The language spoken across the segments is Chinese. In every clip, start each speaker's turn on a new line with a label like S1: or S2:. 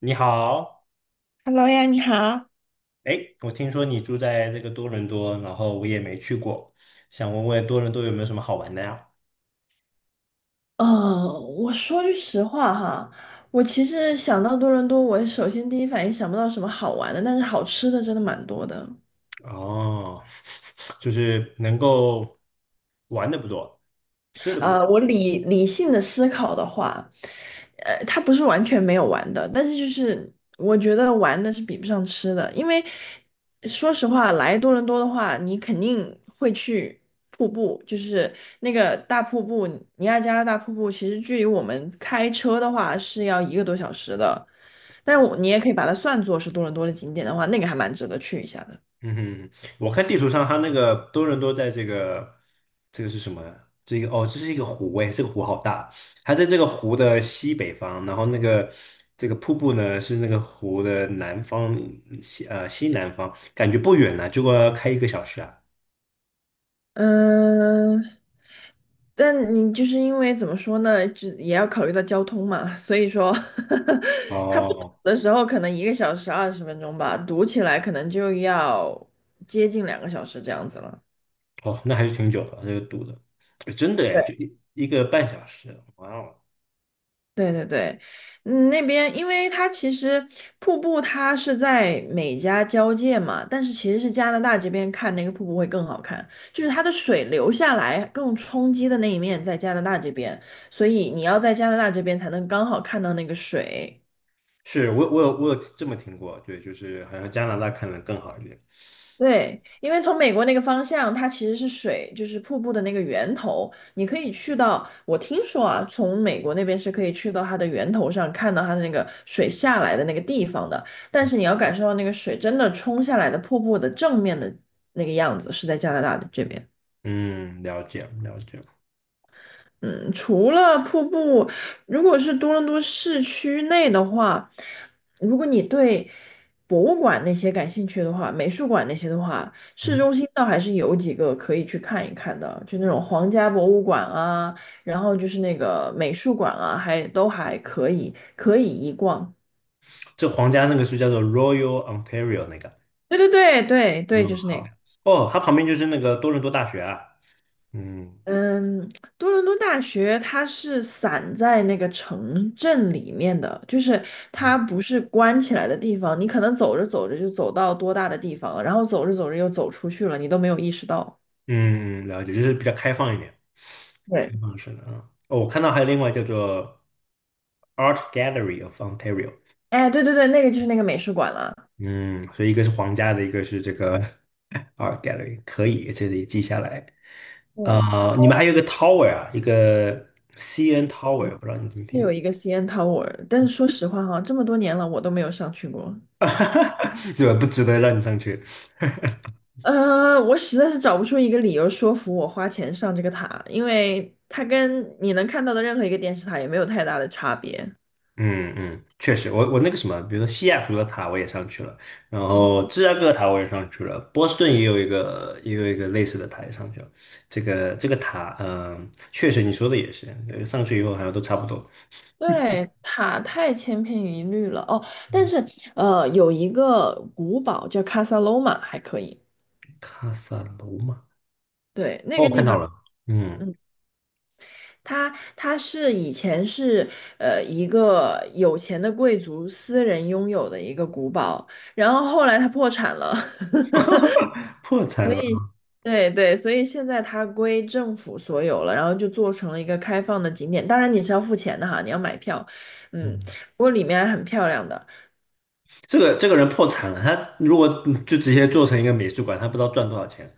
S1: 你好，
S2: Hello 呀，你好。
S1: 哎，我听说你住在这个多伦多，然后我也没去过，想问问多伦多有没有什么好玩的呀？
S2: 我说句实话哈，我其实想到多伦多，我首先第一反应想不到什么好玩的，但是好吃的真的蛮多的。
S1: 哦，就是能够玩的不多，吃的不多。
S2: 我理性的思考的话，它不是完全没有玩的，但是就是我觉得玩的是比不上吃的，因为说实话，来多伦多的话，你肯定会去瀑布，就是那个大瀑布，尼亚加拉大瀑布，其实距离我们开车的话是要一个多小时的，但是我你也可以把它算作是多伦多的景点的话，那个还蛮值得去一下的。
S1: 嗯哼，我看地图上它那个多伦多在这个是什么呀这个哦，这是一个湖哎，这个湖好大，它在这个湖的西北方，然后那个这个瀑布呢是那个湖的南方西南方，感觉不远呢，结果要开一个小时啊。
S2: 嗯，但你就是因为怎么说呢，只也要考虑到交通嘛，所以说 他不堵
S1: 哦，
S2: 的时候可能1个小时20分钟吧，堵起来可能就要接近两个小时这样子了。
S1: 哦，那还是挺久的，那个堵的，哎真的哎，
S2: 对
S1: 就一个半小时，哇哦！
S2: 对对对，嗯，那边因为它其实瀑布它是在美加交界嘛，但是其实是加拿大这边看那个瀑布会更好看，就是它的水流下来更冲击的那一面在加拿大这边，所以你要在加拿大这边才能刚好看到那个水。
S1: 是我有这么听过，对，就是好像加拿大可能更好一点。
S2: 对，因为从美国那个方向，它其实是水，就是瀑布的那个源头。你可以去到，我听说啊，从美国那边是可以去到它的源头上，看到它的那个水下来的那个地方的。但是你要感受到那个水真的冲下来的瀑布的正面的那个样子，是在加拿大的这边。
S1: 嗯，了解了解。
S2: 嗯，除了瀑布，如果是多伦多市区内的话，如果你对博物馆那些感兴趣的话，美术馆那些的话，市
S1: 嗯，
S2: 中心倒还是有几个可以去看一看的，就那种皇家博物馆啊，然后就是那个美术馆啊，还都还可以，可以一逛。
S1: 这皇家那个是叫做 Royal Ontario 那个。
S2: 对对对对对，
S1: 嗯，
S2: 就是那个。
S1: 好。哦，它旁边就是那个多伦多大学啊。嗯
S2: 嗯，多伦多大学它是散在那个城镇里面的，就是它
S1: 嗯，
S2: 不是关起来的地方，你可能走着走着就走到多大的地方了，然后走着走着又走出去了，你都没有意识到。
S1: 嗯了解，就是比较开放一点，开
S2: 对
S1: 放式的啊。哦，我看到还有另外叫做 Art Gallery of Ontario。
S2: 哎，对对对，那个就是那个美术馆了，
S1: 嗯，所以一个是皇家的，一个是这个 Art Gallery，可以，这里记下来。
S2: 对，
S1: 你们还有一个 Tower 啊，一个 CN Tower，不知道你怎么
S2: 是
S1: 听
S2: 有
S1: 的，
S2: 一个 CN Tower,但是说实话哈，这么多年了，我都没有上去过。
S1: 这个不值得让你上去。
S2: 我实在是找不出一个理由说服我花钱上这个塔，因为它跟你能看到的任何一个电视塔也没有太大的差别。
S1: 嗯嗯，确实，我那个什么，比如说西雅图的塔我也上去了，然后芝加哥的塔我也上去了，波士顿也有一个类似的塔也上去了。这个这个塔，嗯、确实你说的也是，上去以后好像都差不多。
S2: 对，塔太千篇一律了哦。但
S1: 嗯，
S2: 是，有一个古堡叫卡萨罗马还可以。
S1: 卡萨罗嘛，
S2: 对，那
S1: 哦，
S2: 个
S1: 我
S2: 地
S1: 看到
S2: 方，
S1: 了。嗯。
S2: 嗯，它它是以前是一个有钱的贵族私人拥有的一个古堡，然后后来它破产了，
S1: 破
S2: 所
S1: 产了，
S2: 以对对，所以现在它归政府所有了，然后就做成了一个开放的景点。当然你是要付钱的哈，你要买票，嗯，
S1: 嗯，
S2: 不过里面还很漂亮的。
S1: 这个人破产了，他如果就直接做成一个美术馆，他不知道赚多少钱。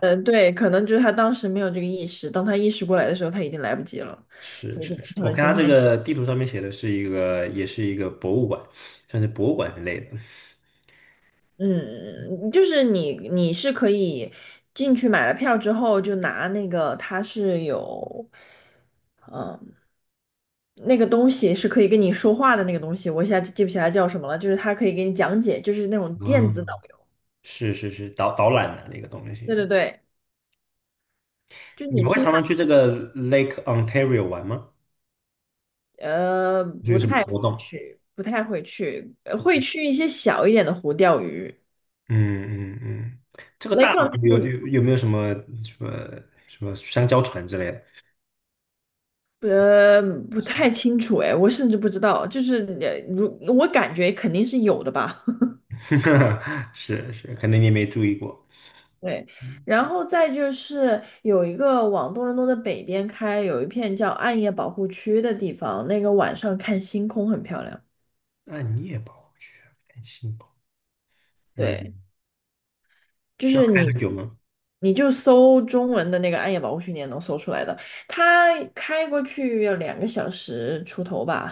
S2: 嗯，对，可能就是他当时没有这个意识，当他意识过来的时候，他已经来不及了，
S1: 是
S2: 所以就
S1: 是
S2: 变
S1: 是，
S2: 成
S1: 我
S2: 了
S1: 看他
S2: 今
S1: 这
S2: 天。
S1: 个地图上面写的是一个，也是一个博物馆，算是博物馆之类的。
S2: 嗯，就是你是可以进去买了票之后，就拿那个它是有，嗯，那个东西是可以跟你说话的那个东西，我一下记不起来叫什么了，就是它可以给你讲解，就是那种电子导
S1: 嗯，
S2: 游。
S1: 是是是，导览的那个东
S2: 对
S1: 西。
S2: 对对，就是
S1: 你
S2: 你
S1: 们会
S2: 听
S1: 常
S2: 他，
S1: 常去这个 Lake Ontario 玩吗？就有
S2: 不
S1: 什么
S2: 太会
S1: 活动？
S2: 去，不太会去，会去一些小一点的湖钓鱼。
S1: 嗯嗯嗯，这个
S2: 雷
S1: 大
S2: 克隆
S1: 湖有
S2: 是
S1: 有有没有什么什么什么香蕉船之类的？
S2: 呃不太清楚哎，我甚至不知道，就是我感觉肯定是有的吧。
S1: 是是，可能你没注意过。
S2: 对，然后再就是有一个往多伦多的北边开，有一片叫暗夜保护区的地方，那个晚上看星空很漂亮。
S1: 那你也跑不去，很辛苦。
S2: 对，
S1: 嗯，
S2: 就
S1: 需要
S2: 是
S1: 开
S2: 你，
S1: 很久吗？
S2: 你就搜中文的那个暗夜保护区，你也能搜出来的。它开过去要两个小时出头吧。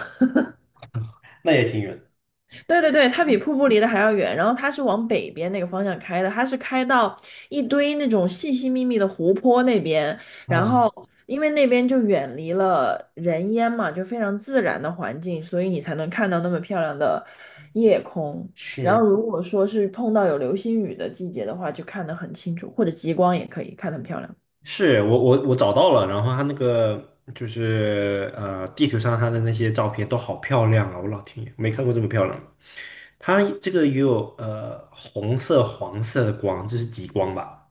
S1: 那也挺远
S2: 对对对，它比瀑布离得还要远，然后它是往北边那个方向开的，它是开到一堆那种细细密密的湖泊那边，
S1: 的。
S2: 然
S1: 啊，
S2: 后因为那边就远离了人烟嘛，就非常自然的环境，所以你才能看到那么漂亮的夜空。然后
S1: 是
S2: 如果说是碰到有流星雨的季节的话，就看得很清楚，或者极光也可以看得很漂亮。
S1: 是，我找到了，然后他那个就是地图上他的那些照片都好漂亮啊！我老天爷，没看过这么漂亮的。它这个也有红色、黄色的光，这是极光吧？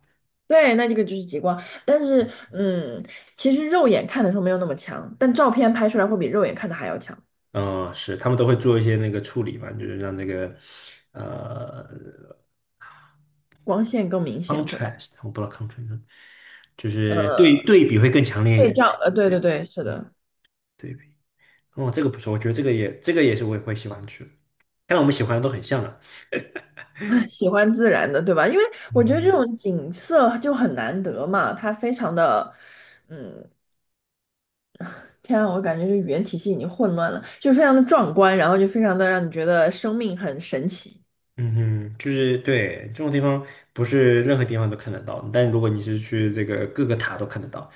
S2: 对，那这个就是极光，但是其实肉眼看的时候没有那么强，但照片拍出来会比肉眼看的还要强。
S1: 嗯、是，他们都会做一些那个处理嘛，就是让那个呃
S2: 光线更明显会，
S1: contrast，我不知道 contrast，就是
S2: 呃，
S1: 对比会更强烈一
S2: 会
S1: 点。
S2: 照，对对
S1: 对。
S2: 对，是的，
S1: 对比，哦，这个不错，我觉得这个也是我也会喜欢去的。看来我们喜欢的都很像啊。
S2: 喜欢自然的，对吧？因为我觉得这
S1: 嗯，
S2: 种景色就很难得嘛，它非常的，嗯，天啊，我感觉这语言体系已经混乱了，就非常的壮观，然后就非常的让你觉得生命很神奇。
S1: 嗯哼，就是对这种地方不是任何地方都看得到，但如果你是去这个各个塔都看得到。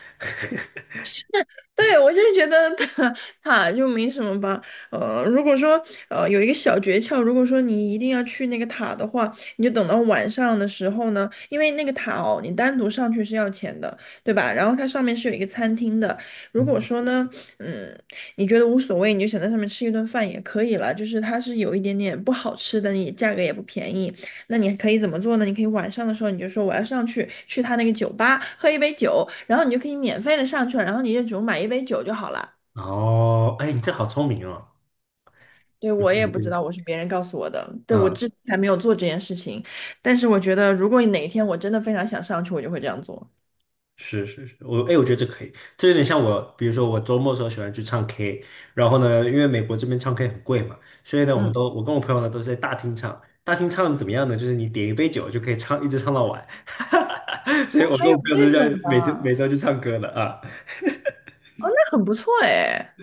S2: 对，我就是觉得塔他就没什么吧。如果说有一个小诀窍，如果说你一定要去那个塔的话，你就等到晚上的时候呢，因为那个塔哦，你单独上去是要钱的，对吧？然后它上面是有一个餐厅的。如果
S1: 嗯
S2: 说呢，嗯，你觉得无所谓，你就想在上面吃一顿饭也可以了。就是它是有一点点不好吃的，你价格也不便宜。那你可以怎么做呢？你可以晚上的时候你就说我要上去去他那个酒吧喝一杯酒，然后你就可以免费的上去了，然后你就只用买一杯酒就好了。
S1: 哦，哎，你这好聪明哦。
S2: 对，
S1: 嗯
S2: 我
S1: 有
S2: 也
S1: 这
S2: 不知道，
S1: 个
S2: 我是别人告诉我的，对，我之前还没有做这件事情，但是我觉得如果哪一天我真的非常想上去，我就会这样做。
S1: 是是是，我哎，我觉得这可以，这有点像我，比如说我周末的时候喜欢去唱 K，然后呢，因为美国这边唱 K 很贵嘛，所以呢，我们
S2: 嗯，
S1: 都我跟我朋友呢都是在大厅唱，大厅唱怎么样呢？就是你点一杯酒就可以唱，一直唱到晚，所以
S2: 哦，
S1: 我
S2: 还
S1: 跟我
S2: 有
S1: 朋友
S2: 这
S1: 都在
S2: 种的，
S1: 每周去唱歌了啊。
S2: 哦，那很不错哎，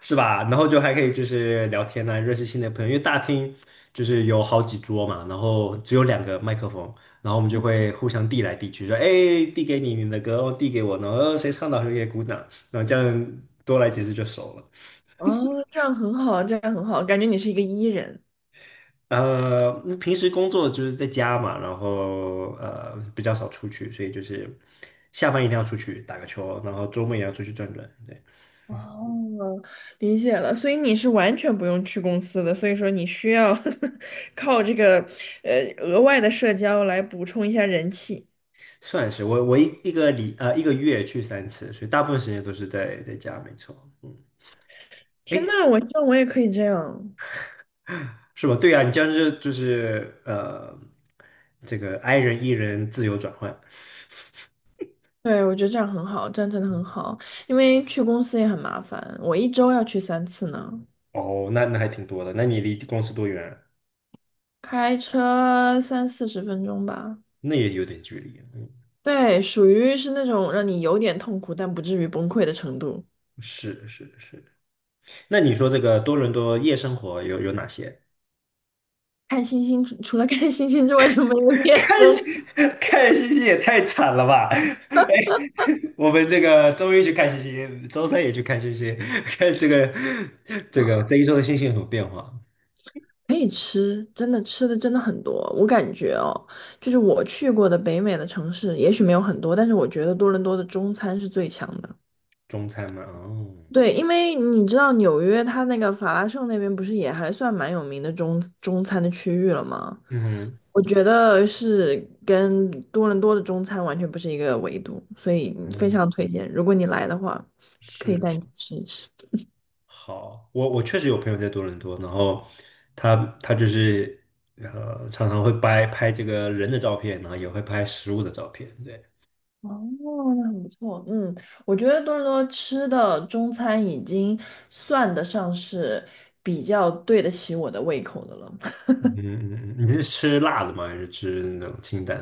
S1: 是吧？然后就还可以就是聊天啊，认识新的朋友。因为大厅就是有好几桌嘛，然后只有两个麦克风，然后我们就会互相递来递去，说哎，递给你你的歌，哦递给我，然后谁唱的好谁给鼓掌，然后这样多来几次就熟了。
S2: 哦，这样很好，这样很好，感觉你是一个 E 人。
S1: 呃，平时工作就是在家嘛，然后比较少出去，所以就是下班一定要出去打个球，然后周末也要出去转转。对，
S2: 哦，理解了，所以你是完全不用去公司的，所以说你需要 靠这个额外的社交来补充一下人气。
S1: 算是我一个月去三次，所以大部分时间都是在家，没错。嗯。
S2: 天呐，
S1: 哎，
S2: 我希望我也可以这样。
S1: 是吧？对啊，你这样就是这个 i 人 e 人自由转换。
S2: 对，我觉得这样很好，这样真的很好，因为去公司也很麻烦，我一周要去3次呢，
S1: 哦，那还挺多的。那你离公司多远啊
S2: 开车三四十分钟吧。
S1: 那也有点距离。嗯，
S2: 对，属于是那种让你有点痛苦，但不至于崩溃的程度。
S1: 是是是。那你说这个多伦多夜生活有哪些？
S2: 看星星，除了看星星之外就没有 别
S1: 看
S2: 的。
S1: 星看星星也太惨了吧！哎，我们这个周一去看星星，周三也去看星星，看这个这一周的星星有什么变化？
S2: 可以吃，真的吃的真的很多。我感觉哦，就是我去过的北美的城市，也许没有很多，但是我觉得多伦多的中餐是最强的。
S1: 中餐嘛，哦，
S2: 对，因为你知道纽约它那个法拉盛那边不是也还算蛮有名的中餐的区域了吗？
S1: 嗯哼
S2: 我觉得是跟多伦多的中餐完全不是一个维度，所以非
S1: 嗯，
S2: 常推荐，如果你来的话，可以带
S1: 是。
S2: 你去吃一吃。
S1: 好，我确实有朋友在多伦多，然后他他就是常常会拍拍这个人的照片，然后也会拍食物的照片。对，
S2: 哦，那很不错。嗯，我觉得多伦多吃的中餐已经算得上是比较对得起我的胃口的了。
S1: 嗯嗯嗯，你是吃辣的吗？还是吃那种清淡？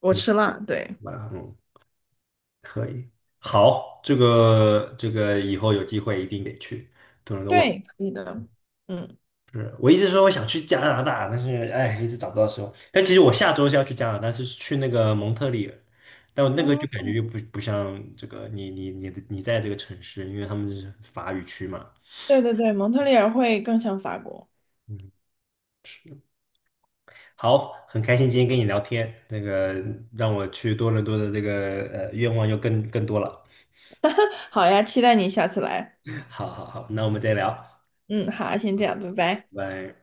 S2: 我
S1: 嗯，
S2: 吃辣，对，
S1: 辣，嗯，可以。好，这个以后有机会一定得去多伦多。我
S2: 对，可以的。嗯，
S1: 是我一直说我想去加拿大，但是哎，一直找不到时候。但其实我下周是要去加拿大，是去那个蒙特利尔，但我那个就
S2: 哦，
S1: 感觉又不像这个你在这个城市，因为他们是法语区嘛。
S2: 对对对，蒙特利尔会更像法国。
S1: 嗯，好，很开心今天跟你聊天，那个让我去多伦多的这个愿望又更多了。
S2: 好呀，期待你下次来。
S1: 好好好，那我们再聊，
S2: 嗯，好，先这样，拜拜。
S1: 拜拜。